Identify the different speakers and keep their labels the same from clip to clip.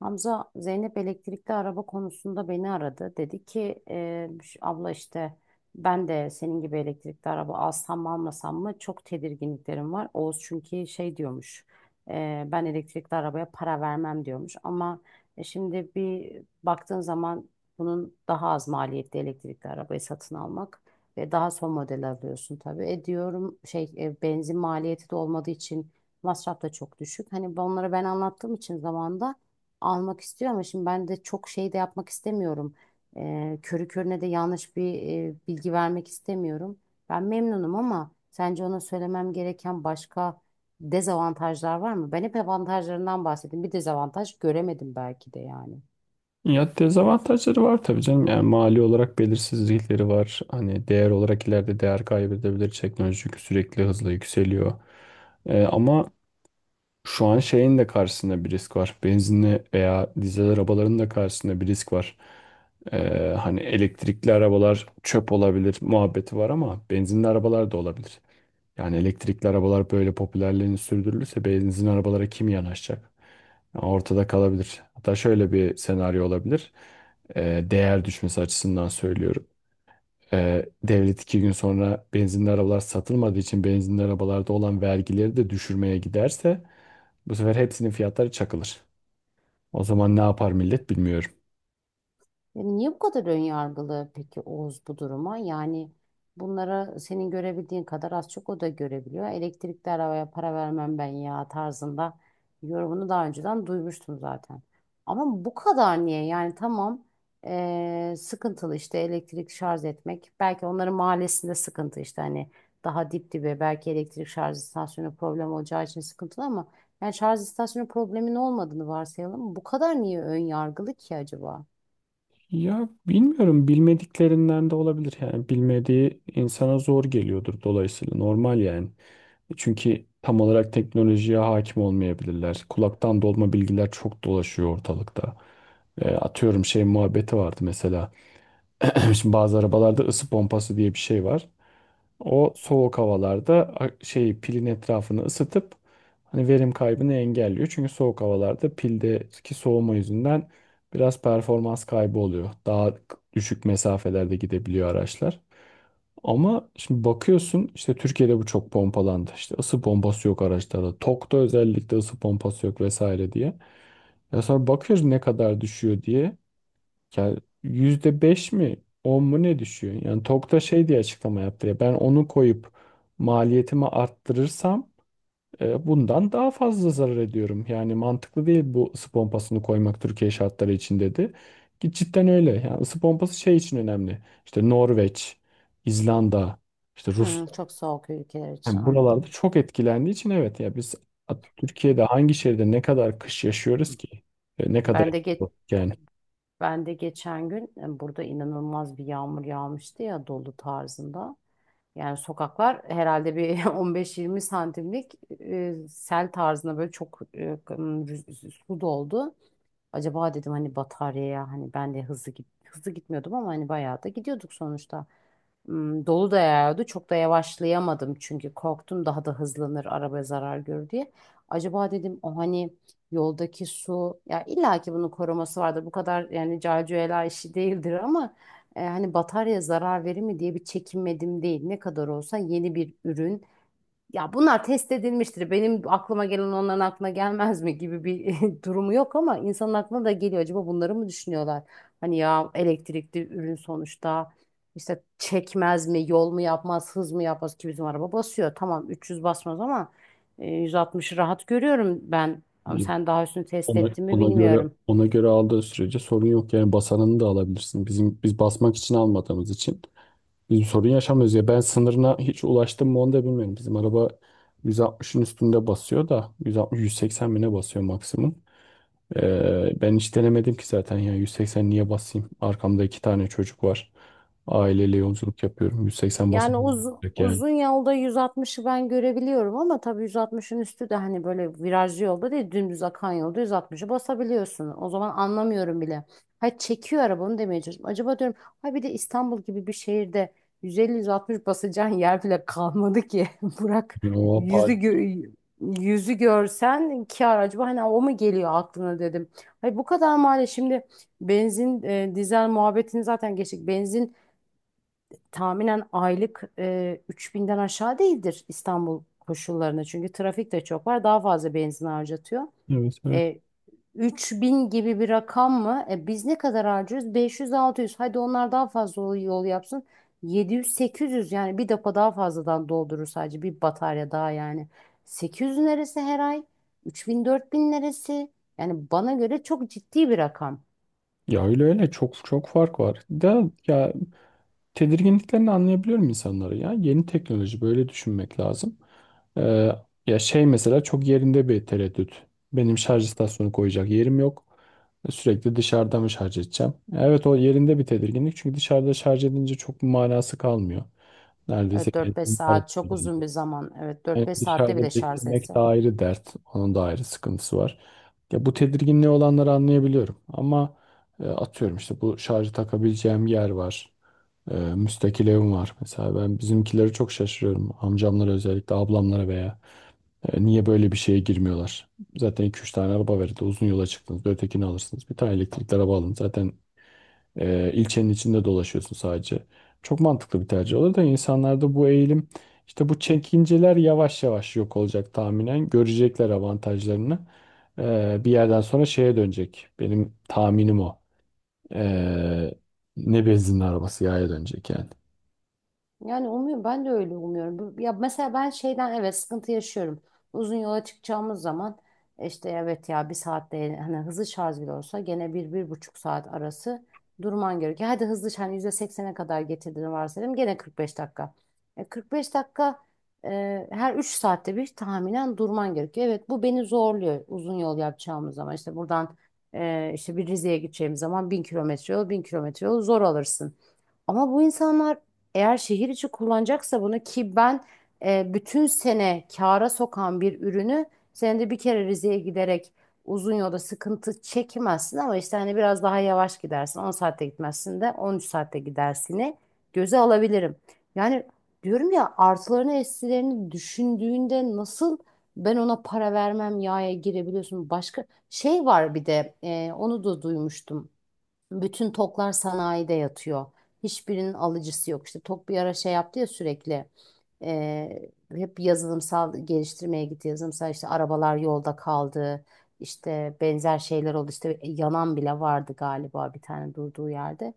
Speaker 1: Hamza Zeynep elektrikli araba konusunda beni aradı. Dedi ki abla işte ben de senin gibi elektrikli araba alsam mı almasam mı çok tedirginliklerim var. Oğuz çünkü şey diyormuş ben elektrikli arabaya para vermem diyormuş. Ama şimdi bir baktığın zaman bunun daha az maliyetli elektrikli arabayı satın almak ve daha son model alıyorsun tabii. Diyorum şey benzin maliyeti de olmadığı için masraf da çok düşük. Hani onlara ben anlattığım için zamanda almak istiyor ama şimdi ben de çok şey de yapmak istemiyorum. Körü körüne de yanlış bir bilgi vermek istemiyorum. Ben memnunum ama sence ona söylemem gereken başka dezavantajlar var mı? Ben hep avantajlarından bahsettim. Bir dezavantaj göremedim belki de yani.
Speaker 2: Ya dezavantajları var tabii canım. Yani mali olarak belirsizlikleri var. Hani değer olarak ileride değer kaybedebilir teknoloji çünkü sürekli hızla yükseliyor. Ama şu an şeyin de karşısında bir risk var. Benzinli veya dizel arabaların da karşısında bir risk var. Hani elektrikli arabalar çöp olabilir muhabbeti var ama benzinli arabalar da olabilir. Yani elektrikli arabalar böyle popülerliğini sürdürülürse benzin arabalara kim yanaşacak? Yani ortada kalabilir. Hatta şöyle bir senaryo olabilir. Değer düşmesi açısından söylüyorum. Devlet iki gün sonra benzinli arabalar satılmadığı için benzinli arabalarda olan vergileri de düşürmeye giderse bu sefer hepsinin fiyatları çakılır. O zaman ne yapar millet bilmiyorum.
Speaker 1: Yani niye bu kadar ön yargılı peki Oğuz bu duruma? Yani bunlara senin görebildiğin kadar az çok o da görebiliyor. Elektrikli arabaya para vermem ben ya tarzında yorumunu daha önceden duymuştum zaten. Ama bu kadar niye? Yani tamam, sıkıntılı işte elektrik şarj etmek. Belki onların mahallesinde sıkıntı işte hani daha dip dibe belki elektrik şarj istasyonu problem olacağı için sıkıntılı ama yani şarj istasyonu problemin olmadığını varsayalım. Bu kadar niye ön yargılı ki acaba?
Speaker 2: Ya bilmiyorum, bilmediklerinden de olabilir, yani bilmediği insana zor geliyordur, dolayısıyla normal yani. Çünkü tam olarak teknolojiye hakim olmayabilirler. Kulaktan dolma bilgiler çok dolaşıyor ortalıkta. Atıyorum şey muhabbeti vardı mesela. Şimdi bazı arabalarda ısı pompası diye bir şey var. O soğuk havalarda şey pilin etrafını ısıtıp hani verim kaybını engelliyor. Çünkü soğuk havalarda pildeki soğuma yüzünden biraz performans kaybı oluyor. Daha düşük mesafelerde gidebiliyor araçlar. Ama şimdi bakıyorsun işte Türkiye'de bu çok pompalandı. İşte ısı pompası yok araçlarda. Tok'ta özellikle ısı pompası yok vesaire diye. Ya sonra bakıyoruz ne kadar düşüyor diye. Ya %5 mi 10 mu ne düşüyor? Yani Tokta şey diye açıklama yaptı ya, ben onu koyup maliyetimi arttırırsam bundan daha fazla zarar ediyorum. Yani mantıklı değil bu ısı pompasını koymak Türkiye şartları için dedi. Ki cidden öyle. Yani ısı pompası şey için önemli. İşte Norveç, İzlanda, işte Rus,
Speaker 1: Çok soğuk ülkeler için
Speaker 2: yani
Speaker 1: anladım.
Speaker 2: buralarda çok etkilendiği için, evet ya biz Türkiye'de hangi şehirde ne kadar kış yaşıyoruz ki? Ne kadar
Speaker 1: Ben de geç
Speaker 2: yani.
Speaker 1: ben de geçen gün burada inanılmaz bir yağmur yağmıştı ya dolu tarzında. Yani sokaklar herhalde bir 15-20 santimlik sel tarzında böyle çok su doldu. Acaba dedim hani bataryaya hani ben de hızlı gitmiyordum ama hani bayağı da gidiyorduk sonuçta. Dolu da yağıyordu. Çok da yavaşlayamadım çünkü korktum daha da hızlanır arabaya zarar görür diye. Acaba dedim o hani yoldaki su ya illa ki bunun koruması vardır. Bu kadar yani calcuela işi değildir ama hani bataryaya zarar verir mi diye bir çekinmedim değil. Ne kadar olsa yeni bir ürün ya bunlar test edilmiştir. Benim aklıma gelen onların aklına gelmez mi gibi bir durumu yok ama insanın aklına da geliyor. Acaba bunları mı düşünüyorlar? Hani ya elektrikli ürün sonuçta işte çekmez mi, yol mu yapmaz, hız mı yapmaz ki bizim araba basıyor. Tamam 300 basmaz ama 160'ı rahat görüyorum ben. Ama sen daha üstünü test
Speaker 2: Ona,
Speaker 1: ettin mi
Speaker 2: ona göre
Speaker 1: bilmiyorum.
Speaker 2: ona göre aldığı sürece sorun yok, yani basanını da alabilirsin. Bizim basmak için almadığımız için biz sorun yaşamıyoruz ya. Ben sınırına hiç ulaştım mı onu da bilmiyorum. Bizim araba 160'ın üstünde basıyor da 160 180 bine basıyor maksimum. Ben hiç denemedim ki zaten, ya 180 niye basayım? Arkamda iki tane çocuk var. Aileyle yolculuk yapıyorum. 180
Speaker 1: Yani
Speaker 2: basmıyorum
Speaker 1: uzun,
Speaker 2: yani.
Speaker 1: uzun yolda 160'ı ben görebiliyorum ama tabii 160'ın üstü de hani böyle virajlı yolda değil dümdüz akan yolda 160'ı basabiliyorsun. O zaman anlamıyorum bile. Ha çekiyor araba onu demeye çalışıyorum. Acaba diyorum ha bir de İstanbul gibi bir şehirde 150-160 basacağın yer bile kalmadı ki. Bırak
Speaker 2: Yani o
Speaker 1: yüzü
Speaker 2: apar.
Speaker 1: gö- yüzü görsen kar acaba hani o mu geliyor aklına dedim. Hayır bu kadar mali şimdi benzin dizel muhabbetini zaten geçtik. Benzin tahminen aylık 3000'den aşağı değildir İstanbul koşullarında. Çünkü trafik de çok var. Daha fazla benzin harcatıyor.
Speaker 2: Evet, evet.
Speaker 1: E, 3000 gibi bir rakam mı? Biz ne kadar harcıyoruz? 500-600. Hadi onlar daha fazla yol yol yapsın. 700-800 yani bir depo daha fazladan doldurur sadece bir batarya daha yani. 800 neresi her ay? 3000-4000 neresi? Yani bana göre çok ciddi bir rakam.
Speaker 2: Ya öyle, öyle çok çok fark var. Da ya tedirginliklerini anlayabiliyorum insanları ya. Yeni teknoloji, böyle düşünmek lazım. Ee, Ya şey mesela, çok yerinde bir tereddüt. Benim şarj istasyonu koyacak yerim yok. Sürekli dışarıda mı şarj edeceğim? Evet, o yerinde bir tedirginlik. Çünkü dışarıda şarj edince çok bir manası kalmıyor. Neredeyse
Speaker 1: Evet 4-5
Speaker 2: benzin parası
Speaker 1: saat çok
Speaker 2: geliyor.
Speaker 1: uzun bir zaman. Evet
Speaker 2: Yani
Speaker 1: 4-5 saatte
Speaker 2: dışarıda
Speaker 1: bile şarj
Speaker 2: beklemek de
Speaker 1: etse.
Speaker 2: ayrı dert. Onun da ayrı sıkıntısı var. Ya bu tedirginliği olanları anlayabiliyorum. Ama atıyorum işte bu şarjı takabileceğim yer var. Müstakil evim var. Mesela ben bizimkileri çok şaşırıyorum. Amcamlara, özellikle ablamlara veya niye böyle bir şeye girmiyorlar? Zaten iki üç tane araba verildi. Uzun yola çıktınız. Ötekini alırsınız. Bir tane elektrikli araba alın. Zaten ilçenin içinde dolaşıyorsun sadece. Çok mantıklı bir tercih olur da insanlarda bu eğilim, işte bu çekinceler yavaş yavaş yok olacak tahminen. Görecekler avantajlarını. Bir yerden sonra şeye dönecek. Benim tahminim o. Ee, Ne benzin arabası yaya dönecek yani.
Speaker 1: Yani umuyorum ben de öyle umuyorum. Ya mesela ben şeyden evet sıkıntı yaşıyorum. Uzun yola çıkacağımız zaman işte evet ya 1 saatte hani hızlı şarj bile olsa gene bir bir buçuk saat arası durman gerekiyor. Hadi hızlı şarj hani %80'e kadar getirdiğini varsayalım gene 45 dakika. 45 dakika her 3 saatte bir tahminen durman gerekiyor. Evet bu beni zorluyor uzun yol yapacağımız zaman. İşte buradan işte bir Rize'ye gideceğim zaman 1000 kilometre yol 1000 kilometre yol zor alırsın. Ama bu insanlar eğer şehir içi kullanacaksa bunu ki ben bütün sene kâra sokan bir ürünü senede bir kere Rize'ye giderek uzun yolda sıkıntı çekmezsin ama işte hani biraz daha yavaş gidersin. 10 saatte gitmezsin de 13 saatte gidersini göze alabilirim. Yani diyorum ya artılarını eksilerini düşündüğünde nasıl ben ona para vermem yaya girebiliyorsun. Başka şey var bir de onu da duymuştum. Bütün toklar sanayide yatıyor. Hiçbirinin alıcısı yok. İşte Tok bir ara şey yaptı ya sürekli. Hep yazılımsal geliştirmeye gitti. Yazılımsal işte arabalar yolda kaldı. İşte benzer şeyler oldu. İşte yanan bile vardı galiba bir tane durduğu yerde.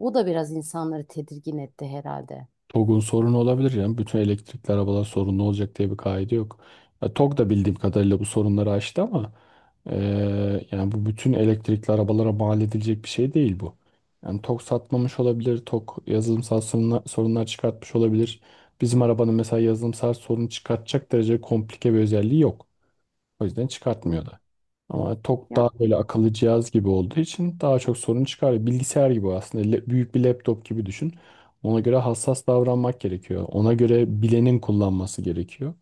Speaker 1: O da biraz insanları tedirgin etti herhalde.
Speaker 2: TOGG'un sorunu olabilir yani. Bütün elektrikli arabalar sorunlu olacak diye bir kaide yok. Ya, TOGG da bildiğim kadarıyla bu sorunları aştı ama yani bu bütün elektrikli arabalara mal edilecek bir şey değil bu. Yani TOGG satmamış olabilir, TOGG yazılımsal sorunlar çıkartmış olabilir. Bizim arabanın mesela yazılımsal sorun çıkartacak derece komplike bir özelliği yok. O yüzden çıkartmıyordu.
Speaker 1: Evet.
Speaker 2: Ama TOG daha
Speaker 1: Ya,
Speaker 2: böyle akıllı cihaz gibi olduğu için daha çok sorun çıkarıyor. Bilgisayar gibi aslında. Büyük bir laptop gibi düşün. Ona göre hassas davranmak gerekiyor. Ona göre bilenin kullanması gerekiyor.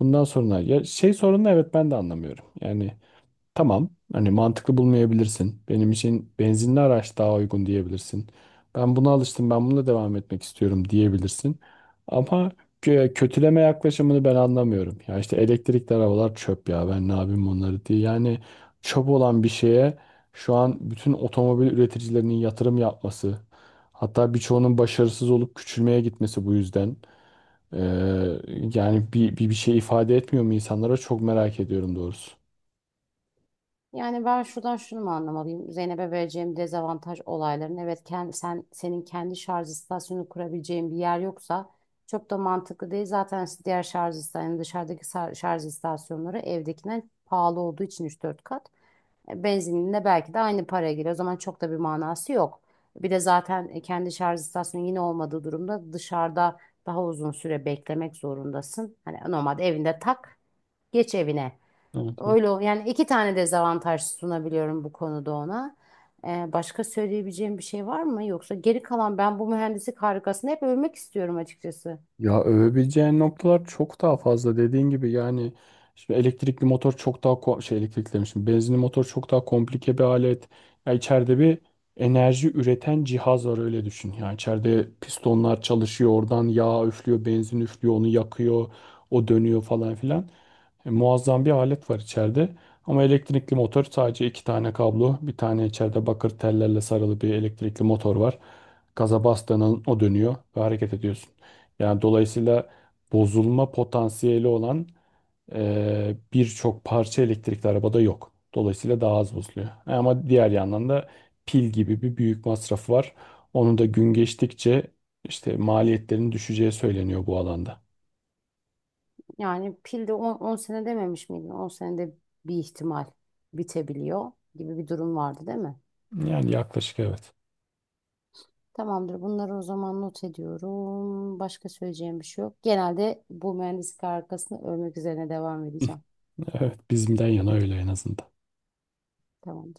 Speaker 2: Bundan sonra ya şey sorunu, evet ben de anlamıyorum. Yani tamam, hani mantıklı bulmayabilirsin. Benim için benzinli araç daha uygun diyebilirsin. Ben buna alıştım, ben bununla devam etmek istiyorum diyebilirsin. Ama kötüleme yaklaşımını ben anlamıyorum. Ya işte elektrikli arabalar çöp, ya ben ne yapayım onları diye. Yani çöp olan bir şeye şu an bütün otomobil üreticilerinin yatırım yapması, hatta birçoğunun başarısız olup küçülmeye gitmesi bu yüzden. Ee, Yani bir şey ifade etmiyor mu insanlara, çok merak ediyorum doğrusu.
Speaker 1: yani ben şuradan şunu mu anlamalıyım? Zeynep'e vereceğim dezavantaj olayların. Evet, senin kendi şarj istasyonu kurabileceğin bir yer yoksa çok da mantıklı değil. Zaten diğer şarj istasyonu dışarıdaki şarj istasyonları evdekinden pahalı olduğu için üç dört kat. Benzininde belki de aynı paraya geliyor. O zaman çok da bir manası yok. Bir de zaten kendi şarj istasyonu yine olmadığı durumda dışarıda daha uzun süre beklemek zorundasın. Hani normalde evinde tak, geç evine.
Speaker 2: Evet.
Speaker 1: Öyle yani iki tane dezavantaj sunabiliyorum bu konuda ona. Başka söyleyebileceğim bir şey var mı? Yoksa geri kalan ben bu mühendislik harikasını hep övmek istiyorum açıkçası.
Speaker 2: Ya övebileceğin noktalar çok daha fazla dediğin gibi, yani şimdi elektrikli motor çok daha ko- şey elektrikli demişim benzinli motor çok daha komplike bir alet. Ya içeride bir enerji üreten cihaz var, öyle düşün. Yani içeride pistonlar çalışıyor, oradan yağ üflüyor, benzin üflüyor, onu yakıyor, o dönüyor falan filan. Muazzam bir alet var içeride. Ama elektrikli motor sadece iki tane kablo, bir tane içeride bakır tellerle sarılı bir elektrikli motor var. Gaza bastığının o dönüyor ve hareket ediyorsun. Yani dolayısıyla bozulma potansiyeli olan birçok parça elektrikli arabada yok. Dolayısıyla daha az bozuluyor. Ama diğer yandan da pil gibi bir büyük masrafı var. Onun da gün geçtikçe işte maliyetlerin düşeceği söyleniyor bu alanda.
Speaker 1: Yani pil de 10 sene dememiş miydin? 10 senede bir ihtimal bitebiliyor gibi bir durum vardı değil mi?
Speaker 2: Yani yaklaşık, evet.
Speaker 1: Tamamdır. Bunları o zaman not ediyorum. Başka söyleyeceğim bir şey yok. Genelde bu mühendislik harikasını övmek üzerine devam edeceğim.
Speaker 2: Evet, bizimden yana öyle en azından.
Speaker 1: Tamam.